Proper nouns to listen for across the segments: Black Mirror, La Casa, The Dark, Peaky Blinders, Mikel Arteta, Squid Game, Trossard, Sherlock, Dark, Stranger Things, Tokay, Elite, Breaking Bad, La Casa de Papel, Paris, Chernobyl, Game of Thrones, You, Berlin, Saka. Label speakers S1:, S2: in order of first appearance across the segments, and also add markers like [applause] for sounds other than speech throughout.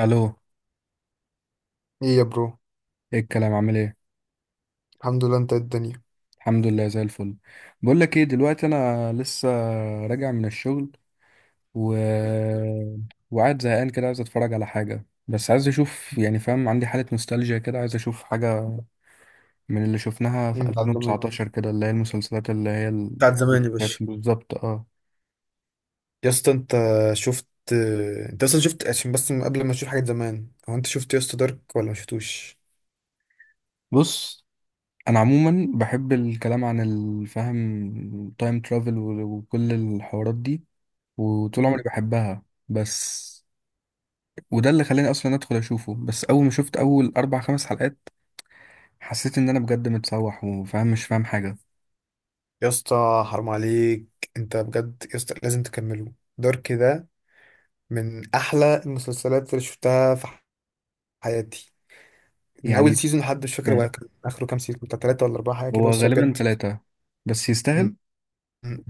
S1: الو.
S2: ايه يا برو.
S1: ايه الكلام؟ عامل ايه؟
S2: الحمد لله، انت إيه الدنيا؟
S1: الحمد لله، زي الفل. بقول لك ايه دلوقتي، انا لسه راجع من الشغل و... وقاعد زهقان كده، عايز اتفرج على حاجه، بس عايز اشوف، يعني فاهم، عندي حاله نوستالجيا كده، عايز اشوف حاجه من اللي شفناها في
S2: مم. بعد زمان،
S1: 2019 كده، اللي هي المسلسلات، اللي هي
S2: بتاعت زمان يا باشا.
S1: كانت بالظبط. اه،
S2: يا اسطى انت شفت، انت اصلا شفت؟ عشان بس من قبل ما تشوف حاجة زمان، هو انت شفت يا اسطى دارك ولا ما شفتوش؟
S1: بص انا عموما بحب الكلام عن الفهم، تايم ترافل، وكل الحوارات دي، وطول عمري
S2: مم.
S1: بحبها. بس وده اللي خلاني اصلا ادخل اشوفه. بس اول ما شفت اول اربع خمس حلقات، حسيت ان انا بجد متسوح، وفاهم مش فاهم حاجه،
S2: يا اسطى حرام عليك، انت بجد يا اسطى لازم تكمله دارك ده، من احلى المسلسلات اللي شفتها في حياتي، من
S1: يعني.
S2: اول سيزون لحد مش فاكر هو
S1: مم.
S2: كان اخره كام سيزون، بتاع ثلاثة ولا اربعة حاجة كده،
S1: هو
S2: بس هو
S1: غالبا
S2: بجد.
S1: ثلاثه، بس يستاهل.
S2: مم. مم.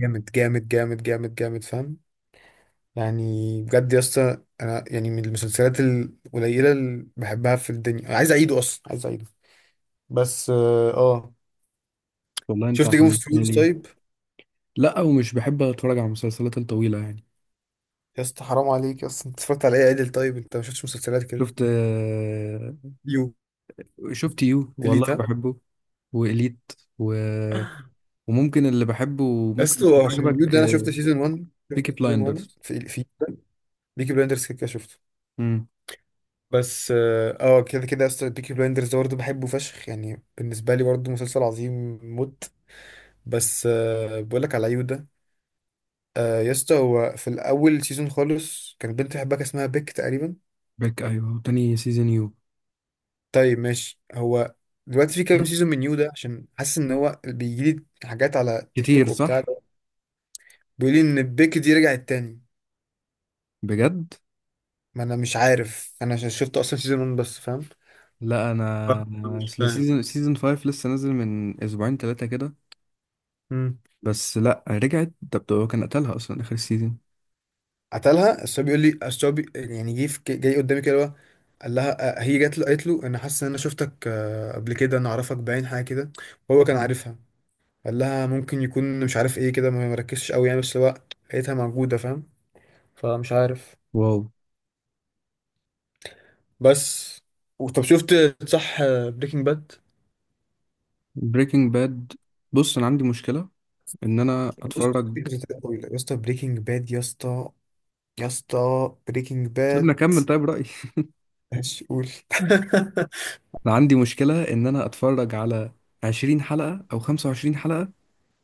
S2: جامد جامد جامد جامد جامد، فاهم يعني؟ بجد يا اسطى انا يعني من المسلسلات القليله اللي بحبها في الدنيا، عايز اعيده اصلا، عايز اعيده. بس اه آه.
S1: والله، انت
S2: شفت جيم اوف
S1: حمسني
S2: ثرونز
S1: ليه.
S2: طيب؟
S1: لا، ومش بحب اتفرج على المسلسلات الطويله، يعني.
S2: يا اسطى حرام عليك يا اسطى، انت اتفرجت على ايه عدل؟ طيب انت ما شفتش مسلسلات كده؟
S1: شفت، آه.
S2: يو،
S1: شفت يو، والله
S2: اليتا.
S1: بحبه. وإليت و... وممكن اللي بحبه
S2: يا
S1: وممكن
S2: اسطى
S1: يكون
S2: عشان يو
S1: عجبك.
S2: ده، انا شفت سيزون 1، شفت
S1: بيكي
S2: سيزون 1
S1: بلايندرز.
S2: في بيكي بلايندرز، كده كده شفته.
S1: امم.
S2: بس اه آه، كده كده يا اسطى بيكي بلايندرز ده برضه بحبه فشخ، يعني بالنسبه لي برضه مسلسل عظيم موت. بس آه، بقول لك على يو ده. آه يا اسطى، هو في الاول سيزون خالص كان بنت حباك اسمها بيك تقريبا.
S1: بيك، ايوه. تاني سيزون يو
S2: طيب ماشي، هو دلوقتي في كام سيزون من يو ده؟ عشان حاسس ان هو بيجي لي حاجات على تيك
S1: كتير،
S2: توك وبتاع
S1: صح.
S2: ده، بيقول لي ان بيك دي رجعت تاني.
S1: بجد؟
S2: ما انا مش عارف، انا عشان شفت اصلا سيزون 1 بس، فاهم؟
S1: لا، انا
S2: فاهم،
S1: أنا
S2: مش
S1: اصل
S2: فاهم.
S1: سيزون 5 لسه نازل من اسبوعين ثلاثه كده.
S2: امم
S1: بس لا، رجعت ده. بتوع كان قتلها اصلا اخر السيزون.
S2: قتلها، بس هو بيقول لي، بس هو جاي قدامي كده هو، قال لها آه، هي جات له قالت له انا حاسس ان انا شفتك آه، قبل كده انا اعرفك، باين حاجه كده. وهو كان
S1: مم.
S2: عارفها. قال لها ممكن يكون مش عارف ايه كده، ما مركزش قوي يعني، بس هو لقيتها موجودة فاهم، فمش عارف.
S1: واو.
S2: بس طب شفت، صح، بريكنج باد.
S1: بريكنج باد. بص، انا عندي مشكله ان انا
S2: بص،
S1: اتفرج.
S2: مسلسلات طويلة يا اسطى، بريكنج باد يا اسطى، يا اسطى بريكنج
S1: سيبنا
S2: باد.
S1: اكمل طيب رايي.
S2: ماشي قول.
S1: [laughs] انا عندي مشكله ان انا اتفرج على 20 حلقه او 25 حلقه،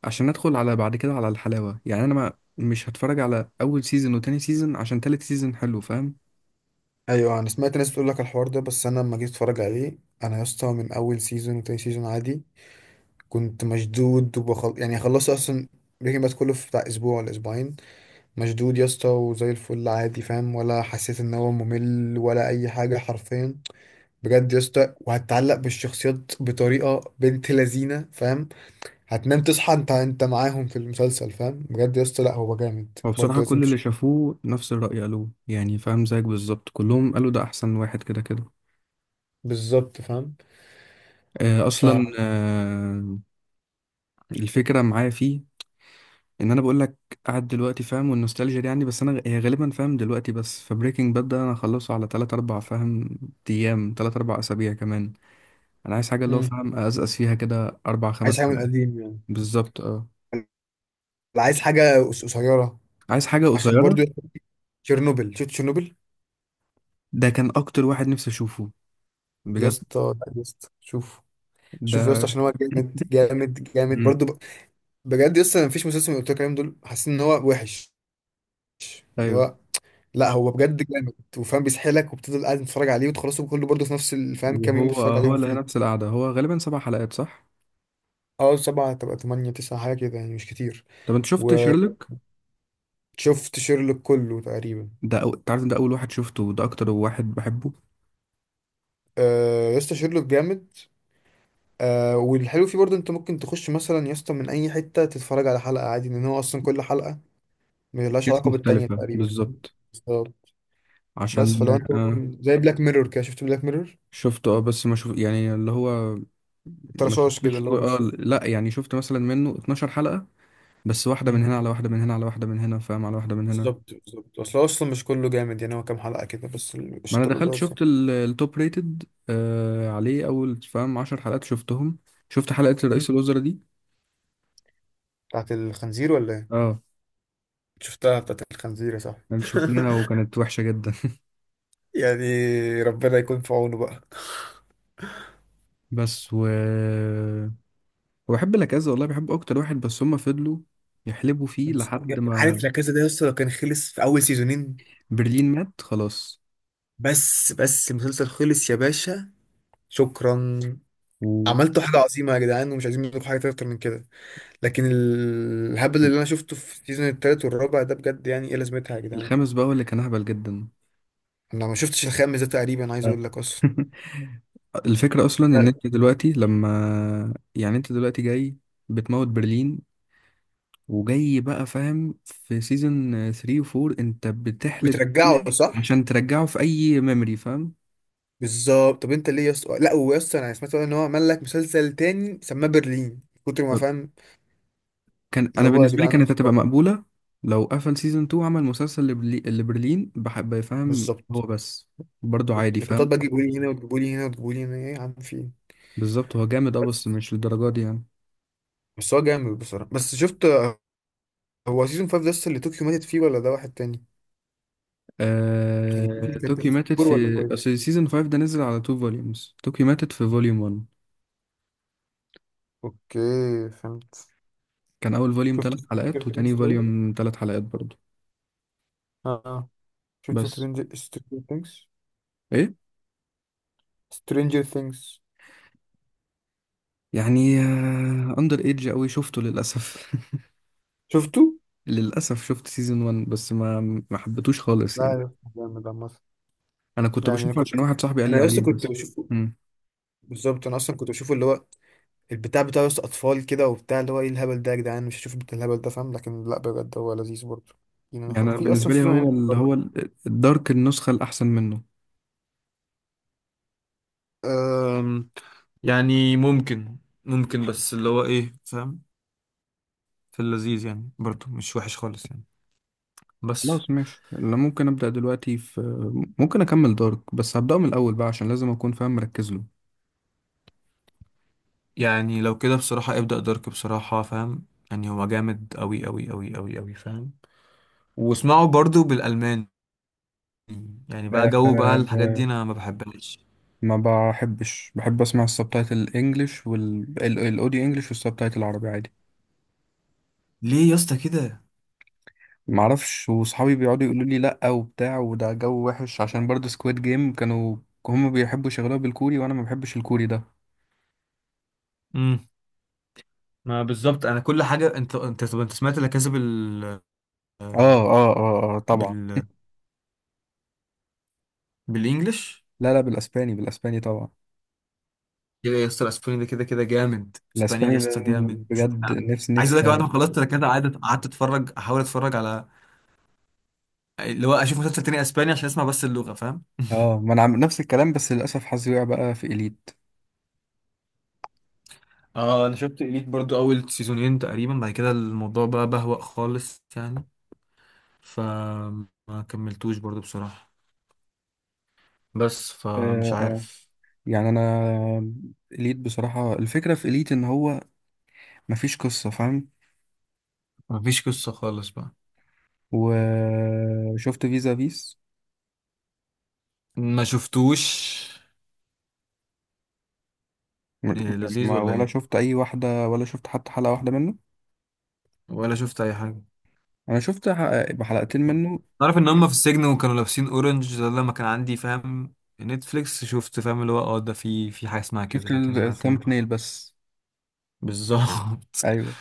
S1: عشان ادخل على بعد كده على الحلاوه، يعني. انا ما مش هتفرج على اول سيزون وتاني سيزون عشان تالت سيزون حلو، فاهم؟
S2: [laughs] ايوه، انا سمعت ناس بتقول لك الحوار ده، بس انا لما جيت اتفرج عليه، انا يا اسطى من اول سيزون وتاني سيزون عادي كنت مشدود، يعني خلصت اصلا بريكنج باد كله في بتاع اسبوع ولا اسبوعين. مشدود يا اسطى وزي الفل عادي، فاهم؟ ولا حسيت ان هو ممل ولا اي حاجه حرفيا. بجد يا اسطى، وهتتعلق بالشخصيات بطريقه بنت لذينه فاهم، هتنام تصحى انت معاهم في المسلسل فاهم. بجد يا اسطى، لا هو جامد
S1: هو
S2: برضه،
S1: بصراحة
S2: لازم
S1: كل اللي شافوه نفس الرأي قالوه، يعني، فاهم، زيك بالظبط، كلهم قالوا ده أحسن واحد، كده كده.
S2: بالظبط فاهم.
S1: آه،
S2: ف
S1: أصلا، آه. الفكرة معايا فيه، إن أنا بقول لك، قاعد دلوقتي، فاهم، والنوستالجيا دي عندي. بس أنا هي غالبا، فاهم، دلوقتي. بس فبريكنج باد ده أنا هخلصه على تلات أربع، فاهم، أيام، تلات أربع أسابيع كمان. أنا عايز حاجة، اللي هو،
S2: مم.
S1: فاهم، أزقز فيها كده أربع
S2: عايز
S1: خمس
S2: حاجه من
S1: حلقات.
S2: القديم يعني.
S1: بالظبط، أه.
S2: لا، عايز حاجه قصيره.
S1: عايز حاجة
S2: عشان برضه
S1: قصيرة.
S2: يا اسطى، تشيرنوبل، شفت تشيرنوبل؟
S1: ده كان أكتر واحد نفسي أشوفه،
S2: يا
S1: بجد،
S2: اسطى لا يا اسطى شوف، شوف يا اسطى
S1: ده.
S2: عشان هو جامد جامد جامد
S1: مم.
S2: برضه. بجد لسه انا مفيش مسلسل من اللي قلت لك عليهم دول حاسس ان هو وحش، اللي
S1: أيوه.
S2: هو، لا هو بجد جامد وفاهم، بيسحلك وبتفضل قاعد تتفرج عليه وتخلصه كله برضه في نفس الفهم، كام يوم
S1: وهو
S2: بتتفرج
S1: هو
S2: عليهم
S1: اللي هي نفس
S2: فيه.
S1: القعدة، هو غالبا سبع حلقات، صح؟
S2: اه، سبعة تبقى تمانية تسعة حاجة كده، يعني مش كتير.
S1: طب انت شفت
S2: وشفت
S1: شيرلوك؟
S2: شيرلوك كله تقريبا.
S1: ده انت عارف إن ده أول واحد شفته، وده أكتر واحد بحبه.
S2: آه يا اسطى شيرلوك جامد. آه، والحلو فيه برضه انت ممكن تخش مثلا يا اسطى من اي حتة تتفرج على حلقة عادي، لان هو اصلا كل حلقة ملهاش
S1: كيس
S2: علاقة بالتانية
S1: مختلفة،
S2: تقريبا.
S1: بالظبط،
S2: بس
S1: عشان
S2: فلو انت
S1: آه.
S2: ممكن زي بلاك ميرور كده، شفت بلاك ميرور؟
S1: شفته، اه. بس ما شوف، يعني، اللي هو، ما
S2: الترشاش كده
S1: شفتوش
S2: اللي هو
S1: اه،
S2: مش.
S1: لا، يعني شفت مثلا منه 12 حلقة، بس واحدة من
S2: مم.
S1: هنا، على واحدة من هنا، على واحدة من هنا، فاهم، على واحدة من هنا.
S2: بالظبط بالظبط، اصل هو اصلا مش كله جامد يعني، هو كام حلقة كده بس اللي
S1: ما انا
S2: قشطله
S1: دخلت
S2: لذيذ
S1: شفت
S2: يعني.
S1: التوب ريتد، آه، عليه اول، فاهم، 10 حلقات شفتهم. شفت حلقة
S2: مم.
S1: رئيس الوزراء دي.
S2: بتاعت الخنزير ولا ايه؟
S1: اه،
S2: شفتها بتاعت الخنزير يا صاحبي.
S1: انا شفناها
S2: [laughs]
S1: وكانت وحشة جدا.
S2: يعني ربنا يكون في عونه بقى.
S1: بس و وبحب لاكازا، والله بحب، اكتر واحد. بس هما فضلوا يحلبوا فيه
S2: بالظبط.
S1: لحد ما
S2: عارف لا كذا ده يا اسطى، لو كان خلص في اول سيزونين
S1: برلين مات، خلاص.
S2: بس بس، المسلسل خلص يا باشا، شكرا، عملتوا حاجة عظيمة يا جدعان ومش عايزين منكم حاجة أكتر من كده. لكن الهبل
S1: والخامس
S2: اللي أنا شفته في السيزون التالت والرابع ده، بجد يعني إيه لازمتها يا جدعان؟
S1: بقى هو اللي كان اهبل جدا.
S2: أنا ما شفتش الخامس ده تقريبا، عايز
S1: آه.
S2: أقول لك أصلا.
S1: [laughs] الفكرة اصلا ان انت دلوقتي لما، يعني، انت دلوقتي جاي بتموت برلين، وجاي بقى، فاهم، في سيزون 3 و 4 انت بتحلب
S2: بترجعه
S1: الدنيا،
S2: صح؟
S1: عشان ترجعه في اي ميموري، فاهم.
S2: بالظبط. طب انت ليه يا اسطى؟ لا ويا اسطى انا سمعت ان هو عمل لك مسلسل تاني سماه برلين، كتر ما فاهم
S1: كان،
S2: اللي
S1: انا
S2: هو، يا
S1: بالنسبه لي
S2: جدعان
S1: كانت هتبقى
S2: خلاص.
S1: مقبوله لو قفل سيزون 2، عمل مسلسل لبرلين بحب يفهم هو
S2: بالظبط.
S1: بس، برضو عادي،
S2: لكن
S1: فاهم.
S2: بقى تجيبوا لي هنا وتجيبوا لي هنا وتجيبوا لي هنا، ايه يا عم في ايه؟
S1: بالظبط، هو جامد، اه،
S2: بس
S1: بس مش للدرجه دي، يعني.
S2: بس هو جامد بصراحه. بس شفت، هو سيزون 5 ده لسه اللي طوكيو ماتت فيه ولا ده واحد تاني؟ يعني طوكيو كانت
S1: توكي
S2: ماتت في
S1: ماتت
S2: فور ولا
S1: في
S2: فايف؟
S1: أصل، سيزون 5 ده نزل على 2 فوليومز، توكي ماتت في فوليوم 1.
S2: اوكي، فهمت.
S1: كان اول فوليوم
S2: شفت
S1: 3
S2: سترينجر
S1: حلقات،
S2: ثينجز
S1: وتاني
S2: طيب؟
S1: فوليوم 3 حلقات برضو.
S2: اه آه. شفت
S1: بس
S2: سترينجر ثينجز،
S1: ايه،
S2: سترينجر ثينجز،
S1: يعني، اندر ايدج قوي شفته للاسف.
S2: شفته؟
S1: [laughs] للاسف شفت سيزون 1 بس ما حبيتوش خالص،
S2: لا
S1: يعني.
S2: يا اسطى جامد عامة.
S1: انا كنت
S2: يعني انا
S1: بشوفه
S2: كنت،
S1: عشان واحد صاحبي قال لي
S2: انا
S1: عليه،
S2: لسه كنت
S1: بس.
S2: بشوف.
S1: امم.
S2: بالظبط انا اصلا كنت بشوفه، اللي هو البتاع بتاعه، بس اطفال كده وبتاع، اللي هو ايه الهبل ده يا جدعان مش هشوف بتاع الهبل ده فاهم. لكن لا بجد هو لذيذ برضه. يعني أنا
S1: يعني أنا
S2: في اصلا
S1: بالنسبه لي،
S2: سيزون
S1: هو
S2: يعني
S1: ال... هو
S2: قريب.
S1: الدارك النسخه الاحسن منه.
S2: أم، يعني ممكن، ممكن، بس اللي هو ايه فاهم، في اللذيذ يعني برضو مش وحش خالص يعني. بس
S1: خلاص، ماشي. انا ممكن ابدا دلوقتي في، ممكن اكمل دارك. بس هبداه من الاول بقى، عشان لازم اكون فاهم مركز له.
S2: يعني لو كده بصراحة، ابدأ دارك بصراحة فاهم، يعني هو جامد أوي أوي أوي أوي أوي فاهم، واسمعه برضو بالألماني. يعني بقى
S1: آه،
S2: جو بقى الحاجات دي
S1: آه،
S2: أنا ما بحبهاش.
S1: ما بحبش. بحب اسمع السبتايتل الانجليش والاوديو انجليش والسبتايتل العربي عادي.
S2: ليه يا اسطى كده؟
S1: ما اعرفش، وصحابي بيقعدوا يقولوا لي لا، وبتاع، وده جو وحش، عشان برضه سكويد جيم كانوا، هم بيحبوا يشغلوها بالكوري، وانا ما بحبش الكوري ده.
S2: ما بالظبط انا كل حاجه، انت طب انت سمعت لا كاسا
S1: اه، اه، اه، آه، طبعا.
S2: بال بالانجلش؟
S1: لا، لا، بالاسباني، بالاسباني طبعا.
S2: يا اسطى الاسباني ده كده كده جامد، اسباني يا
S1: الاسباني،
S2: اسطى
S1: لأن
S2: جامد.
S1: بجد، نفسي
S2: عايز
S1: نفسي.
S2: اقول لك، بعد ما خلصت لا كاسا قعدت اتفرج، احاول اتفرج على اللي هو، اشوف مسلسل تاني اسباني عشان اسمع بس اللغه فاهم.
S1: اه، ما انا نفس الكلام. بس للاسف حظي وقع بقى في اليت.
S2: اه انا شفت اليت برضو اول سيزونين تقريبا، بعد كده الموضوع بقى بهوأ خالص يعني، فما كملتوش برضو بصراحه، بس فمش
S1: اه، آه.
S2: عارف.
S1: يعني انا، اليت بصراحه، الفكره في اليت ان هو مفيش قصه، فاهم.
S2: مفيش قصه خالص بقى.
S1: وشفت فيزا فيس،
S2: ما شفتوش.
S1: م-
S2: إيه، لذيذ ولا
S1: ولا
S2: ايه؟
S1: شفت اي واحده، ولا شفت حتى حلقه واحده منه.
S2: ولا شفت اي حاجه.
S1: انا شفت حلقتين منه.
S2: تعرف ان هم في السجن وكانوا لابسين اورنج ده لما كان عندي فاهم نتفليكس، شفت فاهم اللي هو، اه ده في حاجه اسمها كده،
S1: شفت
S2: لكن ما كان
S1: الثامب نيل بس.
S2: بالظبط.
S1: ايوه،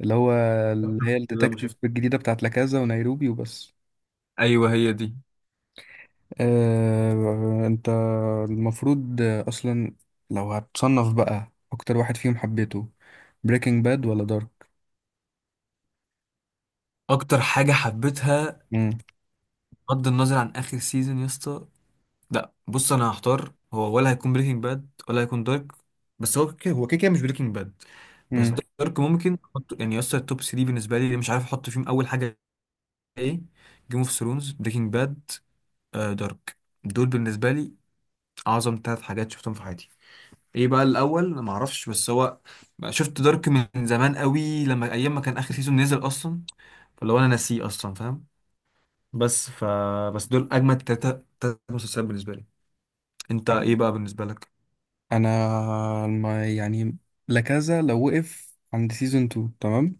S1: اللي هو، اللي هي
S2: [laughs] كده ما
S1: الديتكتيف
S2: شفت.
S1: الجديده بتاعت لاكازا ونيروبي، وبس.
S2: ايوه هي دي.
S1: آه، انت المفروض، آه، اصلا، لو هتصنف بقى اكتر واحد فيهم حبيته، بريكنج باد ولا دارك؟
S2: اكتر حاجه حبيتها
S1: امم
S2: بغض النظر عن اخر سيزون يا اسطى، لا بص، انا هختار هو، ولا هيكون بريكنج باد ولا هيكون دارك. بس هو كده، هو كده كده مش بريكنج باد، بس
S1: امم
S2: دارك ممكن يعني يا اسطى، التوب 3 بالنسبه لي مش عارف احط فيهم اول حاجه ايه، جيم اوف ثرونز، بريكنج باد، دارك، دول بالنسبه لي اعظم ثلاث حاجات شفتهم في حياتي. ايه بقى الاول ما اعرفش، بس هو شفت دارك من زمان قوي، لما ايام ما كان اخر سيزون نزل اصلا، فلو انا ناسيه اصلا فاهم، بس ف، بس دول اجمد ثلاثه، ثلاث مسلسلات بالنسبه لي. انت ايه بقى بالنسبه لك؟
S1: انا، ما، يعني، لكذا لو وقف عند سيزون 2، تمام.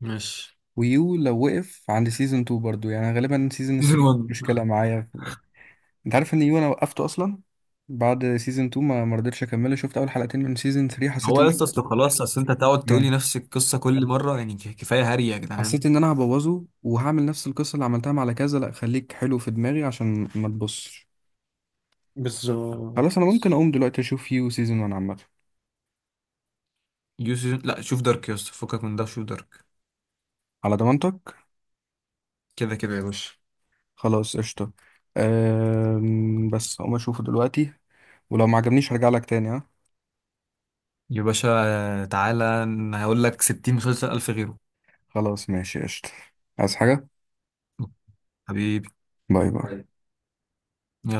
S2: ماشي،
S1: ويو لو وقف عند سيزون 2 برضو، يعني غالبا سيزون
S2: سيزون
S1: 3
S2: 1.
S1: مشكلة معايا. انت عارف ان يو انا وقفته اصلا بعد سيزون 2؟ ما مرضتش اكمله. شفت اول حلقتين من سيزون 3،
S2: هو لسه اصل خلاص، اصل انت تقعد تقولي
S1: ان
S2: نفس القصه كل مره، يعني كفايه هري يا جدعان.
S1: حسيت ان انا هبوظه، وهعمل نفس القصه اللي عملتها مع كذا. لا، خليك حلو في دماغي عشان ما تبصش.
S2: بالظبط.
S1: خلاص، انا ممكن اقوم دلوقتي اشوف يو سيزون 1 عامه.
S2: يو سيزون، لا شوف دارك يا اسطى، فكك من ده شوف دارك،
S1: على ضمانتك.
S2: كده كده يا باشا.
S1: خلاص، قشطه. بس اقوم اشوفه دلوقتي، ولو ما عجبنيش هرجع لك تاني، ها.
S2: يا باشا تعالى، أنا هقول لك 60 مسلسل ألف غيره.
S1: خلاص، ماشي، قشطه. عايز حاجه.
S2: حبيبي،
S1: باي باي.
S2: يلا.